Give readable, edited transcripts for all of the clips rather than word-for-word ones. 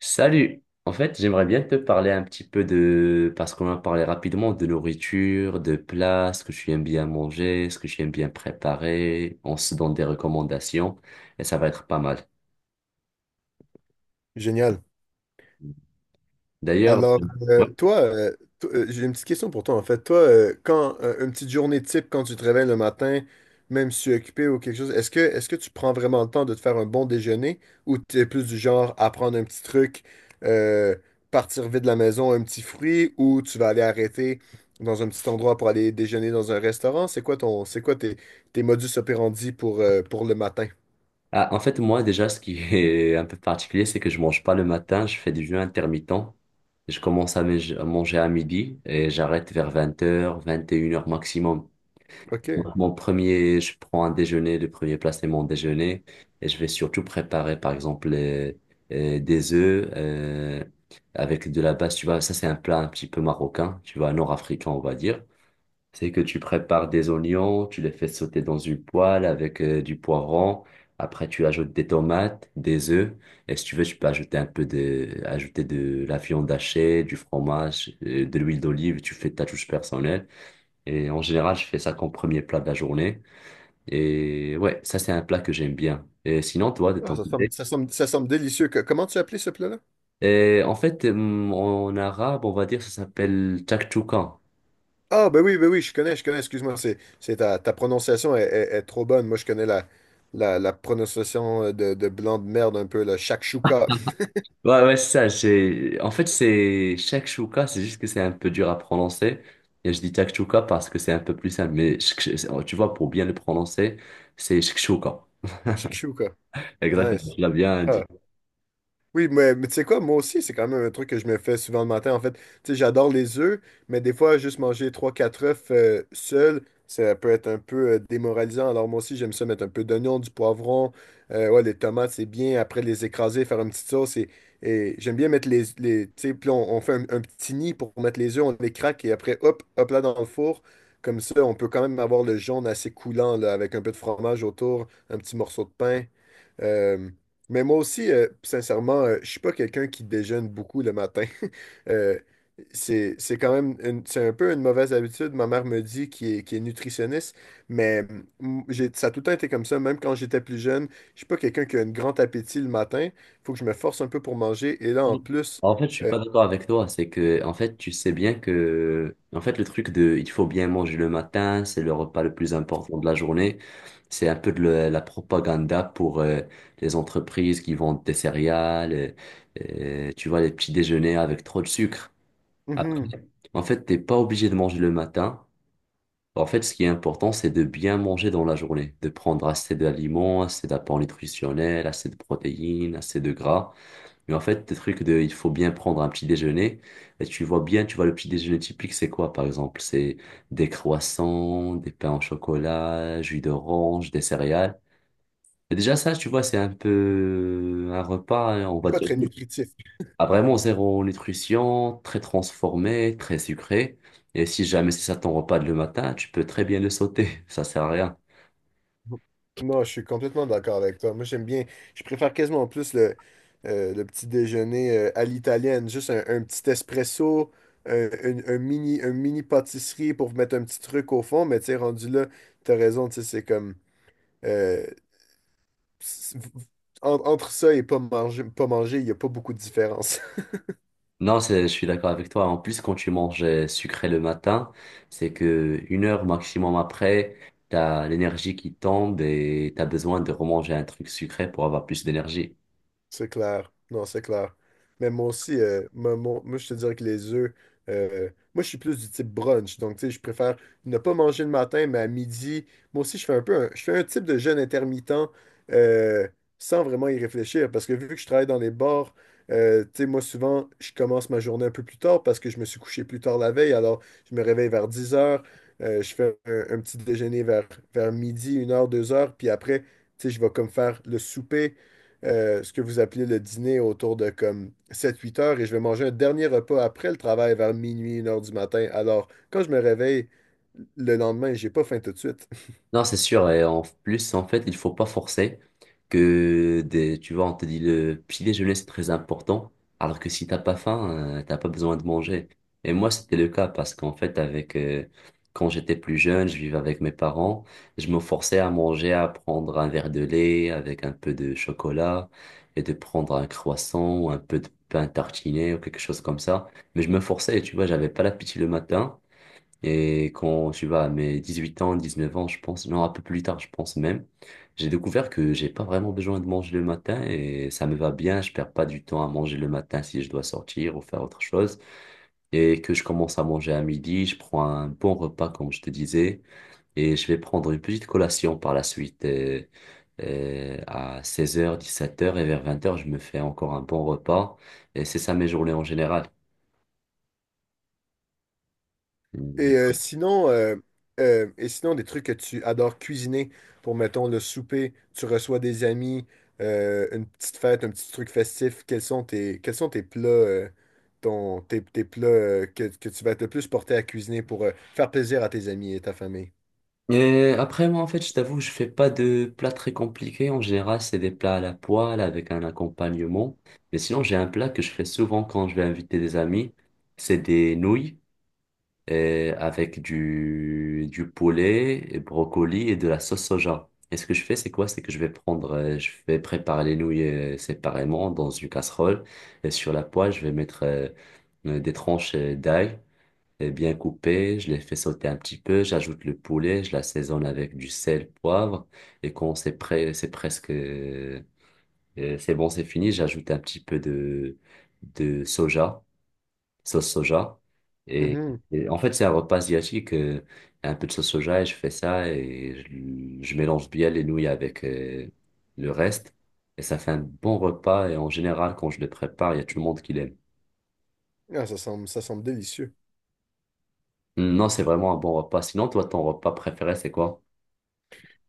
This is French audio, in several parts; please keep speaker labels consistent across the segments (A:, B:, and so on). A: Salut! En fait, j'aimerais bien te parler un petit peu de. Parce qu'on a parlé rapidement de nourriture, de plats, ce que tu aimes bien manger, ce que tu aimes bien préparer. On se donne des recommandations et ça va être pas mal.
B: Génial.
A: D'ailleurs.
B: Alors,
A: Ouais.
B: euh, toi, euh, to- euh, j'ai une petite question pour toi, en fait. Toi, quand une petite journée type, quand tu te réveilles le matin, même si tu es occupé ou quelque chose, est-ce que tu prends vraiment le temps de te faire un bon déjeuner ou tu es plus du genre à prendre un petit truc, euh, partir vite de la maison, un petit fruit ou tu vas aller arrêter dans un petit endroit pour aller déjeuner dans un restaurant? C'est quoi tes modus operandi pour le matin?
A: Ah, en fait, moi déjà, ce qui est un peu particulier, c'est que je mange pas le matin, je fais du jeûne intermittent. Je commence à manger à midi et j'arrête vers 20h, 21h maximum.
B: OK.
A: Donc, mon premier, je prends un déjeuner, le premier plat, c'est mon déjeuner. Et je vais surtout préparer, par exemple, des œufs avec de la base. Tu vois, ça, c'est un plat un petit peu marocain, tu vois, nord-africain, on va dire. C'est que tu prépares des oignons, tu les fais sauter dans une poêle avec du poivron. Après, tu ajoutes des tomates, des œufs. Et si tu veux, tu peux ajouter un peu de, ajouter de la viande hachée, du fromage, de l'huile d'olive. Tu fais ta touche personnelle. Et en général, je fais ça comme premier plat de la journée. Et ouais, ça c'est un plat que j'aime bien. Et sinon, toi, de
B: Ah,
A: ton
B: ça
A: côté?
B: semble, ça semble, ça semble délicieux. Comment tu as appelé ce plat-là?
A: Et en fait, en arabe, on va dire, ça s'appelle chakchouka.
B: Ah, ben oui, je connais, excuse-moi, c'est ta prononciation est trop bonne. Moi, je connais la prononciation de blanc de merde un peu, le shakshuka.
A: Ouais, ouais, c'est ça. J'ai. En fait, c'est shakshuka, c'est juste que c'est un peu dur à prononcer. Et je dis shakshuka parce que c'est un peu plus simple. Mais tu vois, pour bien le prononcer, c'est shakshuka.
B: Shakshuka,
A: Exactement,
B: nice.
A: tu l'as bien dit.
B: Ah, oui, mais tu sais quoi, moi aussi, c'est quand même un truc que je me fais souvent le matin. En fait, tu sais, j'adore les œufs, mais des fois, juste manger trois quatre œufs seuls, ça peut être un peu démoralisant. Alors, moi aussi, j'aime ça mettre un peu d'oignon, du poivron. Ouais, les tomates, c'est bien. Après, les écraser, faire une petite sauce. Et j'aime bien mettre les tu sais, puis on fait un petit nid pour mettre les œufs, on les craque et après, hop, hop là dans le four. Comme ça, on peut quand même avoir le jaune assez coulant, là, avec un peu de fromage autour, un petit morceau de pain. Euh, mais moi aussi, sincèrement, je suis pas quelqu'un qui déjeune beaucoup le matin. Euh, c'est quand même c'est un peu une mauvaise habitude. Ma mère me dit qui est nutritionniste, mais ça a tout le temps été comme ça. Même quand j'étais plus jeune, je suis pas quelqu'un qui a un grand appétit le matin. Faut que je me force un peu pour manger. Et là,
A: Mm.
B: en plus,
A: En fait, je suis pas d'accord avec toi. C'est que, en fait, tu sais bien que, en fait, le truc de, il faut bien manger le matin, c'est le repas le plus important de la journée. C'est un peu de la propaganda pour les entreprises qui vendent des céréales, tu vois, les petits déjeuners avec trop de sucre. Après,
B: mhm,
A: en fait, t'es pas obligé de manger le matin. En fait, ce qui est important, c'est de bien manger dans la journée, de prendre assez d'aliments, assez d'apports nutritionnels, assez de protéines, assez de gras. Mais en fait, des trucs de, il faut bien prendre un petit déjeuner. Et tu vois bien, tu vois, le petit déjeuner typique, c'est quoi, par exemple? C'est des croissants, des pains au chocolat, jus d'orange, des céréales. Et déjà, ça, tu vois, c'est un peu un repas, hein, on
B: c'est
A: va
B: pas
A: dire,
B: très nutritif.
A: à vraiment zéro nutrition, très transformé, très sucré. Et si jamais c'est ça ton repas de le matin, tu peux très bien le sauter. Ça sert à rien.
B: Non, je suis complètement d'accord avec toi. Moi, je préfère quasiment plus le petit déjeuner à l'italienne. Juste un petit espresso, un mini pâtisserie pour mettre un petit truc au fond. Mais tu sais, rendu là, t'as raison, tu sais, c'est comme... euh, c'est- en- entre ça et pas manger, pas manger, il n'y a pas beaucoup de différence.
A: Non, c'est je suis d'accord avec toi. En plus, quand tu manges sucré le matin, c'est que 1 heure maximum après, t'as l'énergie qui tombe et t'as besoin de remanger un truc sucré pour avoir plus d'énergie.
B: C'est clair. Non, c'est clair. Mais moi aussi, moi, je te dirais que les œufs, euh, moi, je suis plus du type brunch. Donc, tu sais, je préfère ne pas manger le matin, mais à midi. Moi aussi, je fais un peu je fais un type de jeûne intermittent euh, sans vraiment y réfléchir. Parce que vu que je travaille dans les bars, tu sais, moi, souvent, je commence ma journée un peu plus tard parce que je me suis couché plus tard la veille. Alors, je me réveille vers 10 heures. Je fais un petit déjeuner vers midi, 1 heure, 2 heures. Puis après, tu sais, je vais comme faire le souper, ce que vous appelez le dîner autour de comme sept huit heures, et je vais manger un dernier repas après le travail vers minuit, 1 heure du matin. Alors, quand je me réveille le lendemain, j'ai pas faim tout de suite.
A: Non, c'est sûr. Et en plus, en fait, il faut pas forcer que des, tu vois, on te dit le petit déjeuner, c'est très important. Alors que si t'as pas faim, t'as pas besoin de manger. Et moi, c'était le cas parce qu'en fait, quand j'étais plus jeune, je vivais avec mes parents. Je me forçais à manger, à prendre un verre de lait avec un peu de chocolat et de prendre un croissant ou un peu de pain tartiné ou quelque chose comme ça. Mais je me forçais, tu vois, j'avais pas l'appétit le matin. Et quand tu vas à mes 18 ans, 19 ans, je pense, non, un peu plus tard, je pense même, j'ai découvert que j'ai pas vraiment besoin de manger le matin et ça me va bien, je perds pas du temps à manger le matin si je dois sortir ou faire autre chose. Et que je commence à manger à midi, je prends un bon repas, comme je te disais, et je vais prendre une petite collation par la suite. Et à 16h, 17h et vers 20h, je me fais encore un bon repas. Et c'est ça mes journées en général.
B: Et euh, sinon, euh, sinon, des trucs que tu adores cuisiner pour, mettons, le souper, tu reçois des amis, une petite fête, un petit truc festif, quels sont tes plats, tes plats que tu vas être le plus porté à cuisiner pour faire plaisir à tes amis et ta famille?
A: Et après, moi, en fait, je t'avoue, je fais pas de plats très compliqués. En général, c'est des plats à la poêle avec un accompagnement. Mais sinon, j'ai un plat que je fais souvent quand je vais inviter des amis. C'est des nouilles avec du poulet, et brocoli et de la sauce soja. Et ce que je fais, c'est quoi? C'est que je vais prendre, je vais préparer les nouilles séparément dans une casserole. Et sur la poêle, je vais mettre des tranches d'ail l'ai bien coupé, je l'ai fait sauter un petit peu, j'ajoute le poulet, je l'assaisonne avec du sel, poivre, et quand c'est prêt, c'est presque, c'est bon, c'est fini, j'ajoute un petit peu de soja, sauce soja, et,
B: Mhm.
A: et en fait, c'est un repas asiatique, un peu de sauce soja, et je fais ça, et je mélange bien les nouilles avec, le reste, et ça fait un bon repas, et en général, quand je le prépare, il y a tout le monde qui l'aime.
B: Ah, ça semble délicieux.
A: Non, c'est vraiment un bon repas. Sinon, toi, ton repas préféré, c'est quoi?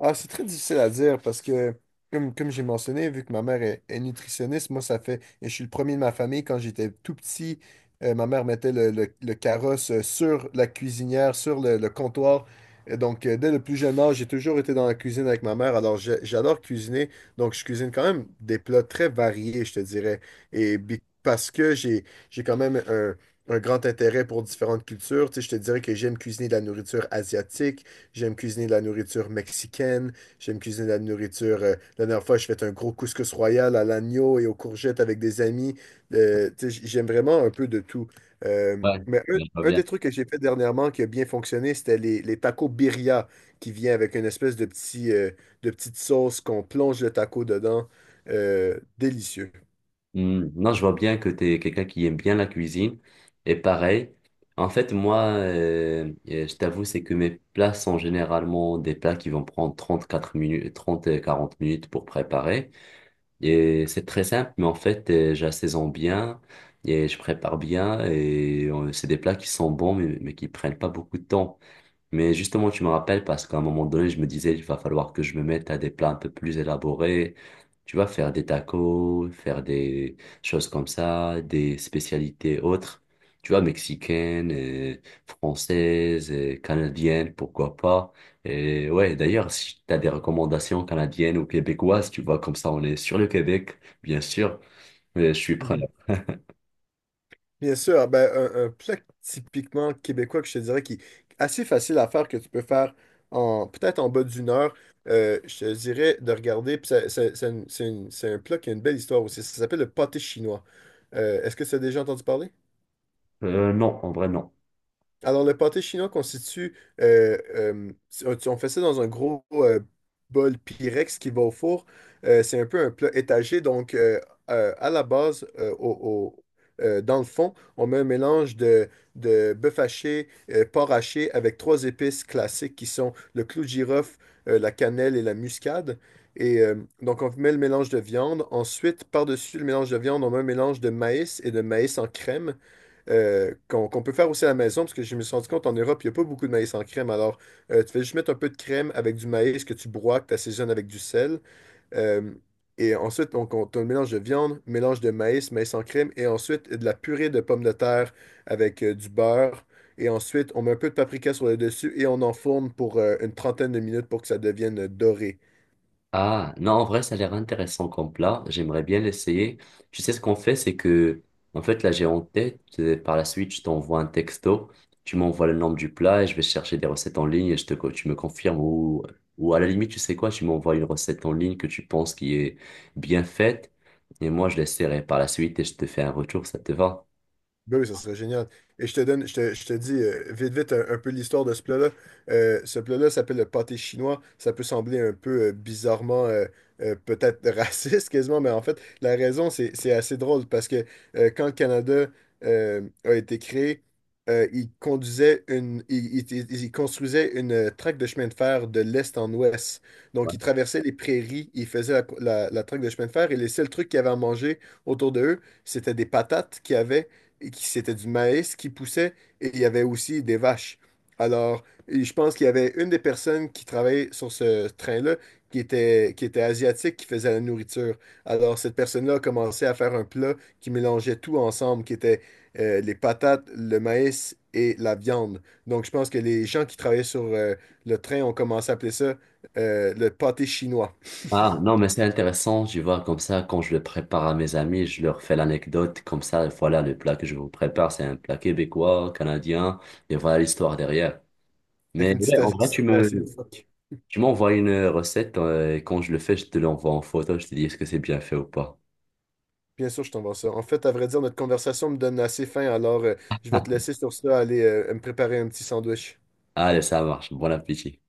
B: Ah, c'est très difficile à dire parce que, comme j'ai mentionné, vu que ma mère est nutritionniste, moi, ça fait. Et je suis le premier de ma famille. Quand j'étais tout petit, ma mère mettait le carrosse sur la cuisinière, sur le comptoir. Et donc, dès le plus jeune âge, j'ai toujours été dans la cuisine avec ma mère. Alors, j'adore cuisiner. Donc, je cuisine quand même des plats très variés, je te dirais. Parce que j'ai quand même un grand intérêt pour différentes cultures. Tu sais, je te dirais que j'aime cuisiner de la nourriture asiatique. J'aime cuisiner de la nourriture mexicaine. J'aime cuisiner de la nourriture. La dernière fois, je fait un gros couscous royal à l'agneau et aux courgettes avec des amis. Tu sais, j'aime vraiment un peu de tout. Euh,
A: Ouais,
B: mais un,
A: je vois
B: un
A: bien.
B: des trucs que j'ai fait dernièrement qui a bien fonctionné, c'était les tacos birria qui vient avec une espèce de petite sauce qu'on plonge le taco dedans. Délicieux.
A: Hmm. Non, je vois bien que tu es quelqu'un qui aime bien la cuisine. Et pareil, en fait, moi, je t'avoue, c'est que mes plats sont généralement des plats qui vont prendre 34 minutes, 30 et 40 minutes pour préparer. Et c'est très simple, mais en fait, j'assaisonne bien et je prépare bien. Et c'est des plats qui sont bons, mais qui prennent pas beaucoup de temps. Mais justement, tu me rappelles parce qu'à un moment donné, je me disais, il va falloir que je me mette à des plats un peu plus élaborés. Tu vas faire des tacos, faire des choses comme ça, des spécialités autres. Tu vois, mexicaines, et françaises, et canadiennes, pourquoi pas. Et ouais, d'ailleurs, si tu as des recommandations canadiennes ou québécoises, tu vois, comme ça, on est sur le Québec, bien sûr. Mais je suis preneur.
B: Bien sûr, ben, un plat typiquement québécois que je te dirais qui est assez facile à faire, que tu peux faire en peut-être en bas d'une heure, je te dirais de regarder, puis c'est un plat qui a une belle histoire aussi, ça s'appelle le pâté chinois. Est-ce que tu as déjà entendu parler?
A: Non, en vrai, non.
B: Alors, le pâté chinois constitue. Si on fait ça dans un gros bol Pyrex qui va au four. C'est un peu un plat étagé. Donc, à la base, dans le fond, on met un mélange de bœuf haché, porc haché, avec trois épices classiques qui sont le clou de girofle, la cannelle et la muscade. Et euh, donc, on met le mélange de viande. Ensuite, par-dessus le mélange de viande, on met un mélange de maïs et de maïs en crème, qu'on peut faire aussi à la maison, parce que je me suis rendu compte en Europe, il n'y a pas beaucoup de maïs en crème. Alors, tu fais juste mettre un peu de crème avec du maïs que tu broies, que tu assaisonnes avec du sel. Euh, et ensuite, t'as un mélange de viande, mélange de maïs, maïs en crème, et ensuite de la purée de pommes de terre avec du beurre. Et ensuite, on met un peu de paprika sur le dessus et on enfourne pour une trentaine de minutes pour que ça devienne doré.
A: Ah, non, en vrai, ça a l'air intéressant comme plat. J'aimerais bien l'essayer. Tu sais, ce qu'on fait, c'est que, en fait, là, j'ai en tête, par la suite, je t'envoie un texto, tu m'envoies le nom du plat et je vais chercher des recettes en ligne et je te, tu me confirmes ou à la limite, tu sais quoi, tu m'envoies une recette en ligne que tu penses qui est bien faite et moi, je l'essaierai par la suite et je te fais un retour, ça te va?
B: Ben oui, ça serait génial. Et je te donne, je te dis vite, vite un peu l'histoire de ce plat-là. Ce plat-là s'appelle le pâté chinois. Ça peut sembler un peu bizarrement, peut-être raciste quasiment, mais en fait, la raison, c'est assez drôle parce que quand le Canada a été créé, il il construisait une traque de chemin de fer de l'est en ouest. Donc, ils traversaient les prairies, ils faisaient la traque de chemin de fer et les seuls trucs qu'ils avaient à manger autour de eux, c'était des patates qu'ils avaient et c'était du maïs qui poussait et il y avait aussi des vaches. Alors, et je pense qu'il y avait une des personnes qui travaillait sur ce train-là qui était asiatique, qui faisait la nourriture. Alors, cette personne-là a commencé à faire un plat qui mélangeait tout ensemble, qui était les patates, le maïs et la viande. Donc, je pense que les gens qui travaillaient sur le train ont commencé à appeler ça le pâté chinois,
A: Ah, non, mais c'est intéressant, tu vois, comme ça, quand je le prépare à mes amis, je leur fais l'anecdote, comme ça, voilà, le plat que je vous prépare, c'est un plat québécois, canadien, et voilà l'histoire derrière.
B: avec
A: Mais
B: une
A: ouais,
B: petite
A: en vrai,
B: histoire assez loufoque.
A: tu m'envoies une recette, et quand je le fais, je te l'envoie en photo, je te dis est-ce que c'est bien fait ou pas.
B: Bien sûr, je t'envoie ça. En fait, à vrai dire, notre conversation me donne assez faim, alors je vais te laisser sur ça aller me préparer un petit sandwich.
A: Allez, ça marche, bon appétit.